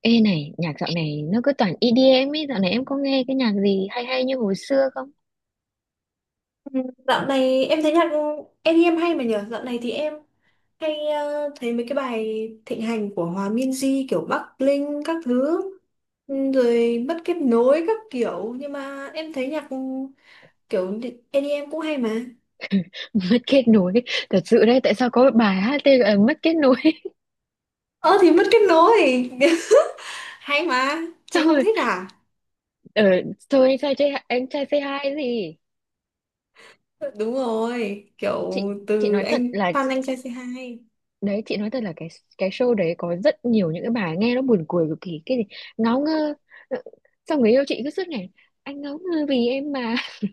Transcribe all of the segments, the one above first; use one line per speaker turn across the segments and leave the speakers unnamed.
Ê này, nhạc dạo này nó cứ toàn EDM ấy, dạo này em có nghe cái nhạc gì hay hay như hồi xưa không?
Ừ, dạo này em thấy nhạc i đi em hay mà nhở. Dạo này thì em hay thấy mấy cái bài thịnh hành của Hòa Minzy kiểu Bắc Linh các thứ, rồi mất kết nối các kiểu, nhưng mà em thấy nhạc kiểu i đi em cũng hay mà.
Mất kết nối, thật sự đấy, tại sao có bài hát tên là Mất kết nối?
Ờ thì mất kết nối hay mà, chị
Xong
không
rồi,
thích à?
ờ, thôi anh trai, anh trai say hi gì?
Đúng rồi, kiểu
Chị chị
từ
nói thật
anh
là,
Phan Anh Trai C2.
đấy, chị nói thật là cái show đấy có rất nhiều những cái bài nghe nó buồn cười cực kỳ, cái gì, ngáo ngơ. Ờ, Xong người yêu chị cứ suốt ngày, anh ngáo ngơ vì em mà.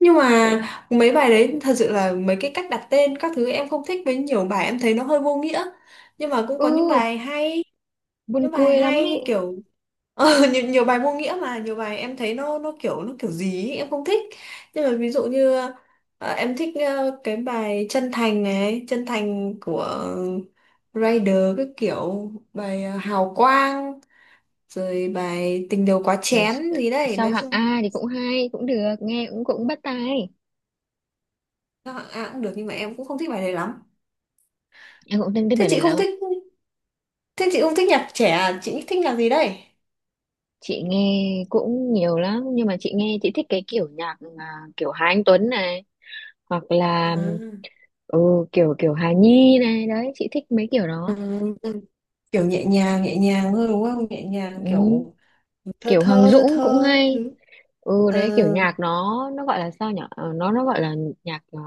Nhưng mà mấy bài đấy thật sự là mấy cái cách đặt tên các thứ em không thích, với nhiều bài em thấy nó hơi vô nghĩa. Nhưng mà cũng có
ừ, Buồn
những bài
cười lắm
hay như
ấy.
kiểu nhiều, nhiều bài vô nghĩa, mà nhiều bài em thấy nó kiểu nó kiểu gì ấy, em không thích. Nhưng mà ví dụ như em thích cái bài Chân Thành này, Chân Thành của Rider, cái kiểu bài Hào Quang, rồi bài Tình Đầu Quá
Ê,
Chén gì đấy.
sao
Nói
hạng
chung
A thì cũng hay cũng được nghe cũng cũng bắt tai
các hạng A cũng được, nhưng mà em cũng không thích bài đấy lắm.
em cũng thích thích
Thế
bài này
chị không
lắm à.
thích Thế chị không thích nhạc trẻ à? Chị thích nhạc gì đây?
Chị nghe cũng nhiều lắm nhưng mà chị nghe chị thích cái kiểu nhạc mà kiểu Hà Anh Tuấn này hoặc
À,
là ừ, kiểu kiểu Hà Nhi này, đấy chị thích mấy kiểu đó.
ừ, kiểu nhẹ nhàng, nhẹ nhàng thôi đúng không, nhẹ nhàng
ừ,
kiểu thơ,
Kiểu Hoàng
thơ thơ
Dũng cũng
thơ các
hay.
thứ.
Ừ
Ờ,
đấy, kiểu nhạc nó gọi là sao nhỉ Ờ, nó gọi là nhạc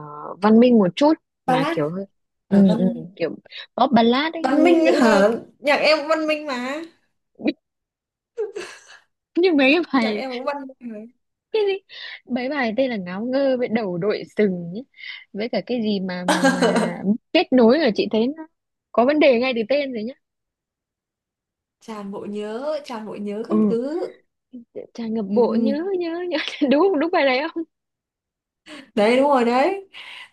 văn minh một chút mà
ballad.
kiểu hơi ừ, ừ,
Văn,
kiểu pop ballad ấy,
văn
nghe
minh
dễ nghe.
hả? Nhạc em cũng văn minh mà.
Như mấy cái
Nhạc
bài
em cũng văn minh mà.
cái gì, mấy bài tên là ngáo ngơ với đầu đội sừng ấy. Với cả cái gì mà mà kết nối là chị thấy nó có vấn đề ngay từ tên rồi nhá.
Tràn bộ nhớ, tràn bộ nhớ các
Ừ,
thứ.
tràn ngập
Ừ,
bộ nhớ nhớ nhớ. Đúng không? Đúng bài này không?
đấy đúng rồi đấy.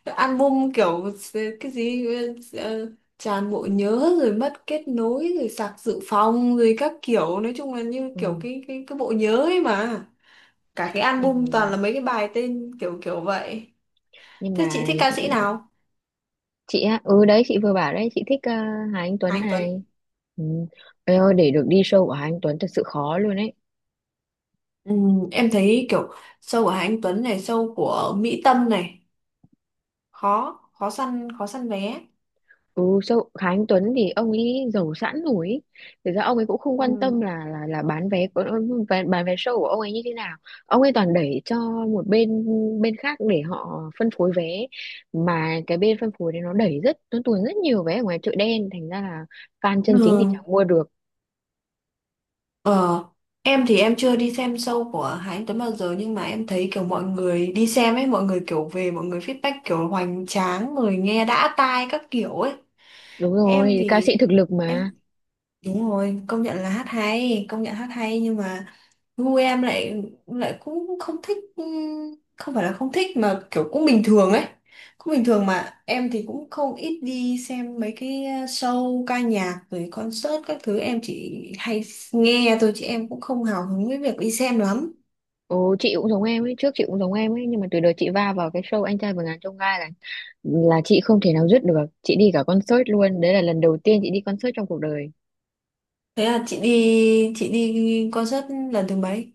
Album kiểu cái gì, ờ, tràn bộ nhớ rồi mất kết nối rồi sạc dự phòng rồi các kiểu. Nói chung là như kiểu
Ừ.
cái, cái bộ nhớ ấy mà. Cả cái album toàn là
nhưng
mấy cái bài tên kiểu kiểu vậy.
nhưng
Thế chị
mà
thích ca sĩ nào?
chị á, ừ đấy, chị vừa bảo đấy chị thích Hà Anh
Hà
Tuấn
Anh Tuấn.
này. Ừ. Ôi ơi, để được đi show của Hà Anh Tuấn thật sự khó luôn đấy.
Em thấy kiểu show của Hà Anh Tuấn này, show của Mỹ Tâm này, khó, khó săn vé.
Ừ, sao Khá Anh Tuấn thì ông ấy giàu sẵn rồi ý. Thực ra ông ấy cũng không quan
Ừ.
tâm là là bán vé của bán vé show của ông ấy như thế nào. Ông ấy toàn đẩy cho một bên bên khác để họ phân phối vé, mà cái bên phân phối đấy nó đẩy rất nó tuồn rất nhiều vé ở ngoài chợ đen, thành ra là fan chân chính thì
Ừ.
chẳng mua được.
Ờ, em thì em chưa đi xem show của Hà Anh Tuấn bao giờ, nhưng mà em thấy kiểu mọi người đi xem ấy, mọi người kiểu về, mọi người feedback kiểu hoành tráng, người nghe đã tai các kiểu ấy.
Đúng
Em
rồi, ca
thì
sĩ thực lực mà.
em đúng rồi, công nhận là hát hay, công nhận hát hay, nhưng mà gu em lại lại cũng không thích. Ừ, không phải là không thích mà kiểu cũng bình thường ấy, cũng bình thường. Mà em thì cũng không ít đi xem mấy cái show ca nhạc rồi concert các thứ, em chỉ hay nghe thôi chứ em cũng không hào hứng với việc đi xem lắm.
Ồ, chị cũng giống em ấy, trước chị cũng giống em ấy, nhưng mà từ đợt chị va vào cái show Anh trai vượt ngàn chông gai là chị không thể nào dứt được. Chị đi cả concert luôn, đấy là lần đầu tiên chị đi concert trong cuộc đời.
Thế là chị đi, chị đi concert lần thứ mấy?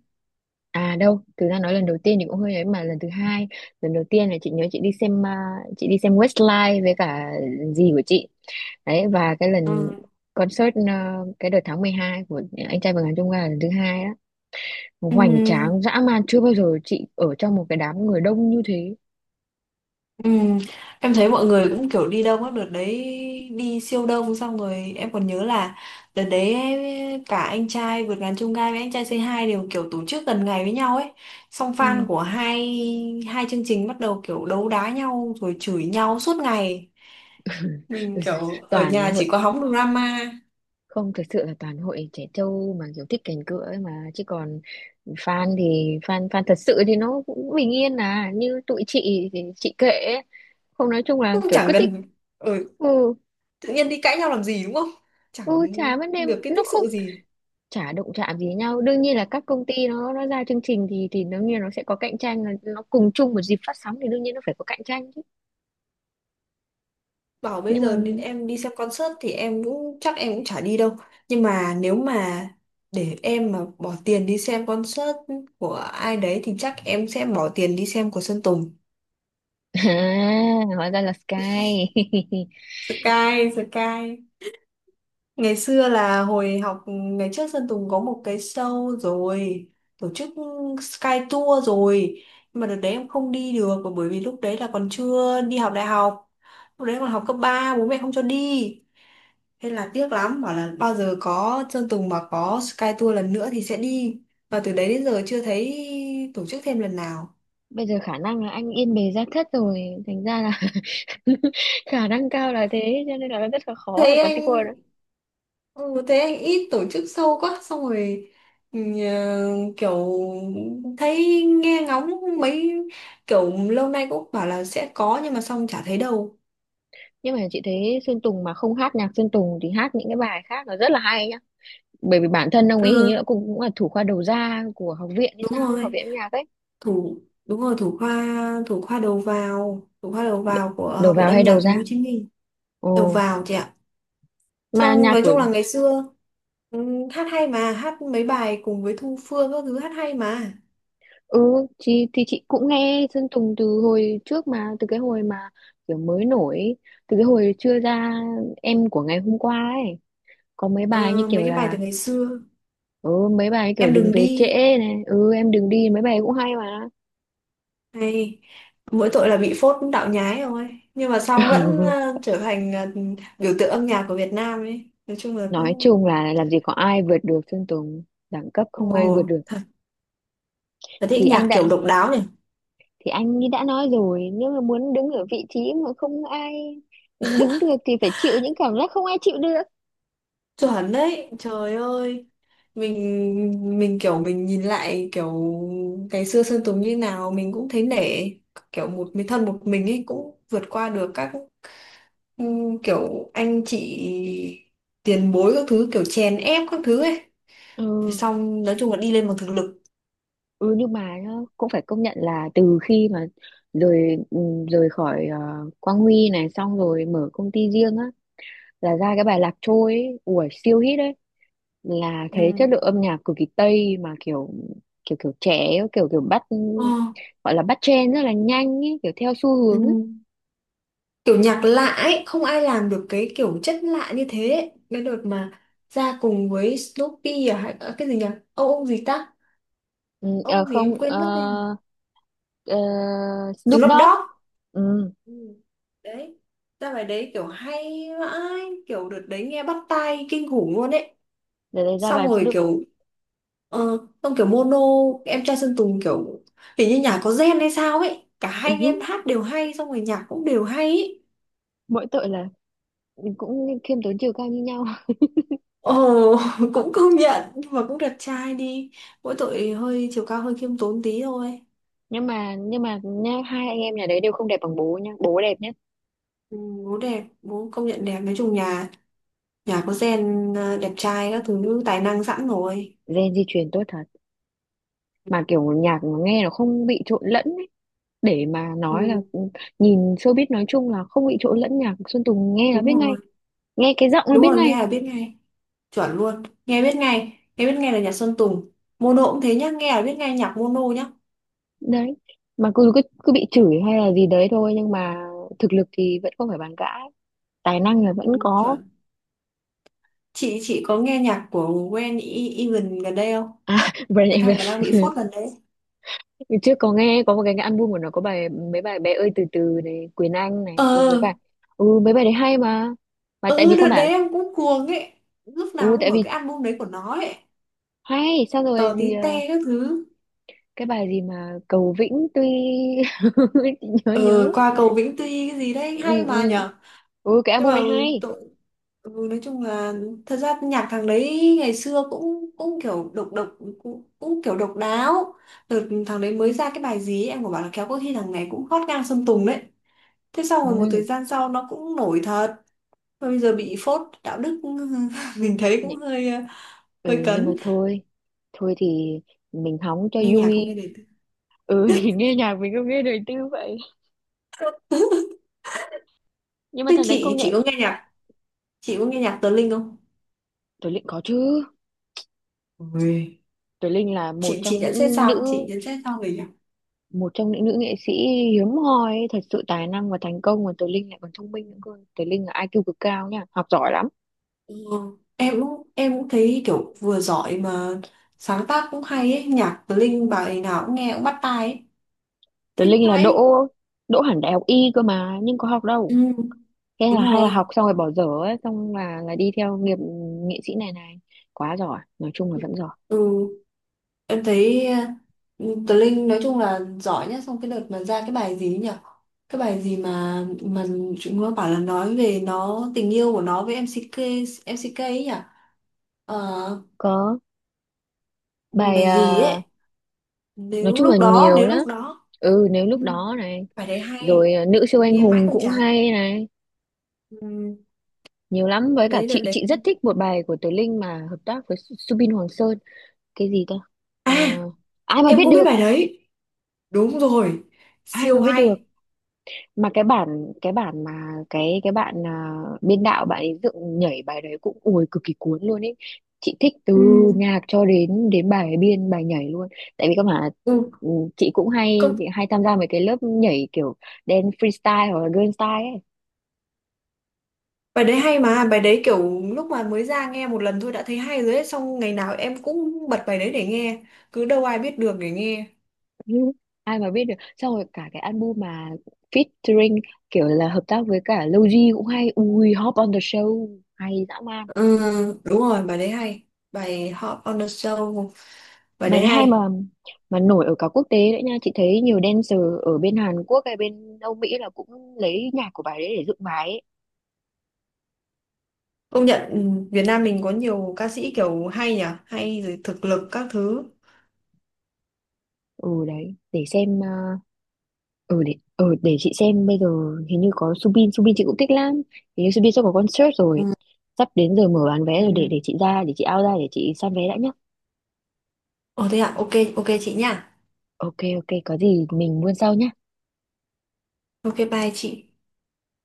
À đâu, thực ra nói lần đầu tiên thì cũng hơi ấy, mà lần thứ hai, lần đầu tiên là chị nhớ chị đi xem à, chị đi xem Westlife với cả dì của chị. Đấy, và cái lần
Ừ.
concert à, cái đợt tháng 12 của anh trai vượt ngàn chông gai là lần thứ hai đó.
Ừ.
Hoành tráng dã man, chưa bao giờ chị ở trong một cái đám người đông như thế.
Ừ, em thấy mọi người cũng kiểu đi đông á đợt đấy, đi siêu đông. Xong rồi em còn nhớ là đợt đấy cả Anh Trai Vượt Ngàn Chông Gai với Anh Trai C2 đều kiểu tổ chức gần ngày với nhau ấy, xong
Ừ.
fan của hai hai chương trình bắt đầu kiểu đấu đá nhau rồi chửi nhau suốt ngày. Mình kiểu ở
Toàn
nhà
hội
chỉ có hóng drama.
không, thực sự là toàn hội trẻ trâu mà kiểu thích cành cựa ấy mà, chứ còn fan thì fan fan thật sự thì nó cũng bình yên à, như tụi chị thì chị kệ ấy. Không, nói chung là
Cũng
kiểu
chẳng
cứ thích.
cần ở
Ừ,
tự nhiên đi cãi nhau làm gì đúng không, chẳng
ừ chả vấn đề,
được cái
nó
tích
không,
sự gì.
chả động chạm gì nhau. Đương nhiên là các công ty nó ra chương trình thì đương nhiên nó sẽ có cạnh tranh, là nó cùng chung một dịp phát sóng thì đương nhiên nó phải có cạnh tranh chứ.
Bảo bây
Nhưng mà
giờ đến em đi xem concert thì em cũng, chắc em cũng chả đi đâu, nhưng mà nếu mà để em mà bỏ tiền đi xem concert của ai đấy thì chắc em sẽ bỏ tiền đi xem của Sơn Tùng.
à, hóa ra là Sky.
Sky. Sky. Ngày xưa là hồi học, ngày trước Sơn Tùng có một cái show rồi, tổ chức Sky Tour rồi, nhưng mà đợt đấy em không đi được bởi vì lúc đấy là còn chưa đi học đại học, lúc đấy còn học cấp ba, bố mẹ không cho đi. Thế là tiếc lắm, bảo là bao giờ có Sơn Tùng mà có Sky Tour lần nữa thì sẽ đi. Và từ đấy đến giờ chưa thấy tổ chức thêm lần nào.
Bây giờ khả năng là anh yên bề gia thất rồi, thành ra là khả năng cao là thế, cho nên là rất là khó là
Thấy
có
anh,
keyword đó.
ừ, thấy anh ít tổ chức sâu quá, xong rồi ừ, kiểu thấy nghe ngóng mấy kiểu lâu nay cũng bảo là sẽ có nhưng mà xong chả thấy đâu.
Nhưng mà chị thấy Sơn Tùng mà không hát nhạc Sơn Tùng thì hát những cái bài khác là rất là hay nhá, bởi vì bản thân ông ấy hình như là
Ừ,
cũng, cũng là thủ khoa đầu ra của học viện hay
đúng
sao ấy, học
rồi.
viện âm nhạc ấy.
Thủ, đúng rồi, thủ khoa, thủ khoa đầu
Đ-
vào của
Đầu
Học viện
vào
Âm
hay đầu
nhạc Thành phố
ra?
Hồ Chí Minh. Đầu
Ồ,
vào chị ạ.
mà
Xong
nhạc
nói
của
chung là ngày xưa, ừ, hát hay mà, hát mấy bài cùng với Thu Phương các thứ, hát hay mà.
ừ chị, thì chị cũng nghe Sơn Tùng từ hồi trước, mà từ cái hồi mà kiểu mới nổi, từ cái hồi chưa ra em của ngày hôm qua ấy, có mấy bài như
Ờ, mấy
kiểu
cái bài từ
là
ngày xưa.
ừ mấy bài ấy kiểu
Em
đừng
đừng
về
đi
trễ này ừ em đừng đi, mấy bài ấy cũng hay mà.
này, mỗi tội là bị phốt đạo nhái rồi, nhưng mà sau vẫn trở thành biểu tượng âm nhạc của Việt Nam ấy, nói chung là
Nói
cũng.
chung là làm gì có ai vượt được Sơn Tùng, đẳng cấp không
Ồ,
ai vượt được.
là thích
thì anh
nhạc
đã
kiểu độc đáo nhỉ.
thì anh ấy đã nói rồi, nếu mà muốn đứng ở vị trí mà không ai đứng được thì phải chịu những cảm giác không ai chịu được.
Chuẩn đấy, trời ơi. Mình kiểu mình nhìn lại kiểu ngày xưa Sơn Tùng như nào mình cũng thấy nể, kiểu một mình thân một mình ấy cũng vượt qua được các, ừ, kiểu anh chị tiền bối các thứ kiểu chèn ép các thứ ấy. Thì
Ừ,
xong nói chung là đi lên bằng thực lực.
ừ, nhưng mà nhá, cũng phải công nhận là từ khi mà rời rời khỏi Quang Huy này, xong rồi mở công ty riêng á, là ra cái bài Lạc Trôi ấy, ủa siêu hit đấy, là
Ừ.
thấy chất lượng âm nhạc cực kỳ tây mà kiểu kiểu kiểu trẻ ấy, kiểu kiểu bắt
Ờ.
gọi là bắt trend rất là nhanh ấy, kiểu theo xu
Ừ.
hướng ấy.
Kiểu nhạc lạ ấy, không ai làm được cái kiểu chất lạ như thế ấy. Cái đợt mà ra cùng với Snoopy à, hay à, cái gì nhỉ, ông gì ta,
Ừ, ờ,
ông gì em
không
quên
ờ,
mất tên rồi.
ờ, Snoop
Snoop
Dogg.
Dogg.
Ừ,
Ừ. Đấy, ra bài đấy kiểu hay vãi, kiểu đợt đấy nghe bắt tai kinh khủng luôn ấy.
để đấy ra
Xong
bài
rồi
Snoop.
kiểu xong kiểu Mono, em trai Sơn Tùng, kiểu hình như nhà có gen hay sao ấy, cả hai anh em hát đều hay, xong rồi nhạc cũng đều hay ấy.
Mỗi tội là cũng khiêm tốn chiều cao như nhau.
Ồ, cũng công nhận, nhưng mà cũng đẹp trai đi, mỗi tội hơi, chiều cao hơi khiêm tốn tí thôi.
Nhưng mà nha, hai anh em nhà đấy đều không đẹp bằng bố nha, bố đẹp nhất.
Ừ, bố đẹp, bố công nhận đẹp. Nói chung nhà, nhà có gen à, đẹp trai các thứ, tài năng sẵn rồi.
Gen di truyền tốt thật, mà kiểu nhạc mà nghe nó không bị trộn lẫn ấy. Để mà nói là
Ừ,
nhìn showbiz nói chung là không bị trộn lẫn, nhạc Sơn Tùng nghe là biết
đúng
ngay,
rồi.
nghe cái giọng là
Đúng
biết
rồi,
ngay.
nghe là biết ngay. Chuẩn luôn, nghe biết ngay, nghe biết ngay là nhạc Sơn Tùng. Mono cũng thế nhá, nghe là biết ngay nhạc Mono nhá.
Đấy, mà cứ cứ, cứ bị chửi hay là gì đấy thôi, nhưng mà thực lực thì vẫn không phải bàn cãi, tài năng là vẫn
Ừ,
có.
chuẩn. Chị có nghe nhạc của Gwen E- Egan gần đây không?
À, Brand
Cái thằng mà đang bị
Evans.
phốt gần đấy.
Ngày trước có nghe có một cái album của nó có bài mấy bài bé ơi từ từ này, Quyền Anh này,
Ờ,
ừ mấy bài đấy hay mà tại
ừ,
vì các
đợt đấy
bạn
em cũng cuồng ấy. Lúc
ừ
nào cũng
tại
mở
vì
cái album đấy của nó ấy.
hay sao
Tò
rồi
tí
gì
te
à,
các thứ.
cái bài gì mà Cầu Vĩnh tuy. nhớ
Ờ,
nhớ
qua cầu Vĩnh Tuy cái gì đấy
Ừ,
hay mà
ừ,
nhở.
ừ cái
Nhưng
album
mà
này hay.
tội, ừ, nói chung là thật ra nhạc thằng đấy ngày xưa cũng cũng kiểu độc độc cũng kiểu độc đáo. Đợt thằng đấy mới ra cái bài gì ấy, em có bảo là kéo có khi thằng này cũng hot ngang Sơn Tùng đấy. Thế sau rồi một thời
Ừ,
gian sau nó cũng nổi thật. Mà bây giờ bị phốt đạo đức mình thấy cũng
nhẹ-
hơi hơi
ừ nhưng mà
cấn.
thôi, thôi thì mình hóng cho
Nghe nhạc không
vui.
nghe đời tư.
Ừ. Thì nghe nhạc mình không nghe đời tư vậy, nhưng mà
Thế
thằng đấy công
chị
nhận.
có nghe nhạc, chị có nghe nhạc Tờ Linh không?
Tuấn Linh có chứ.
Ôi.
Tuấn Linh là một
Chị
trong
nhận xét
những
sao, chị
nữ,
nhận xét sao về nhạc.
một trong những nữ nghệ sĩ hiếm hoi ấy, thật sự tài năng và thành công, mà Tuấn Linh lại còn thông minh nữa cơ. Tuấn Linh là IQ cực cao nha, học giỏi lắm.
Ừ. em cũng thấy kiểu vừa giỏi mà sáng tác cũng hay ấy, nhạc Tờ Linh bài nào cũng nghe cũng bắt tai ấy.
Tuấn
Thích
Linh là đỗ,
vãi.
đỗ hẳn đại học y cơ mà nhưng có học
Ừ,
đâu, thế là
đúng
hay là
rồi.
học xong rồi bỏ dở ấy, xong là đi theo nghiệp nghệ sĩ này này, quá giỏi, nói chung là vẫn giỏi.
Ừ. Em thấy Tờ Linh nói chung là giỏi nhất. Xong cái đợt mà ra cái bài gì ấy nhỉ? Cái bài gì mà, chúng nó bảo là nói về nó, tình yêu của nó với MCK, MCK ấy nhỉ? Ờ,
Có bài
bài gì
à,
ấy?
nói
Nếu
chung là
lúc đó,
nhiều
nếu
lắm,
lúc đó.
ừ nếu lúc
Ừ.
đó này,
Bài đấy
rồi
hay,
à, nữ siêu anh
nghe mãi
hùng
không
cũng
chán.
hay này,
Ừ,
nhiều lắm. Với cả
đấy đợt
chị
đấy.
rất thích một bài của Tố Linh mà hợp tác với Subin Hoàng Sơn, cái gì ta. Ờ,
À,
ai mà biết
em cũng biết
được,
bài đấy. Đúng rồi,
ai mà
siêu
biết được.
hay.
Mà cái bản, cái bản mà cái bạn à, biên đạo bạn ấy dựng nhảy bài đấy cũng ui cực kỳ cuốn luôn ấy, chị thích từ
Ừ.
nhạc cho đến đến bài biên bài nhảy luôn. Tại vì các bạn
Ừ.
ừ, chị cũng hay
Có.
hay tham gia mấy cái lớp nhảy kiểu dance freestyle hoặc là girl style ấy.
Bài đấy hay mà, bài đấy kiểu lúc mà mới ra nghe một lần thôi đã thấy hay rồi ấy, xong ngày nào em cũng bật bài đấy để nghe, cứ "đâu ai biết được" để nghe.
Ừ, ai mà biết được, xong rồi cả cái album mà featuring kiểu là hợp tác với cả Logi cũng hay, ui hop on the show hay dã man.
Ừ, đúng rồi, bài đấy hay, bài Hot on the Show, bài
Bài
đấy
thứ hai mà
hay.
nổi ở cả quốc tế đấy nha, chị thấy nhiều dancer ở bên Hàn Quốc hay bên Âu Mỹ là cũng lấy nhạc của bài đấy để dựng bài ấy.
Công nhận, ừ, Việt Nam mình có nhiều ca sĩ kiểu hay nhỉ, hay rồi thực lực các thứ.
Ừ đấy, để xem ừ để để chị xem bây giờ hình như có Subin, Subin chị cũng thích lắm. Hình như Subin sắp có concert
Ừ.
rồi. Sắp đến giờ mở bán vé rồi,
Ừ.
để chị ra, để chị out ra để chị săn vé đã nhá.
Ồ thế ạ, ok, ok chị nha.
Ok ok, có gì mình buôn sau nhá.
Ok bye chị.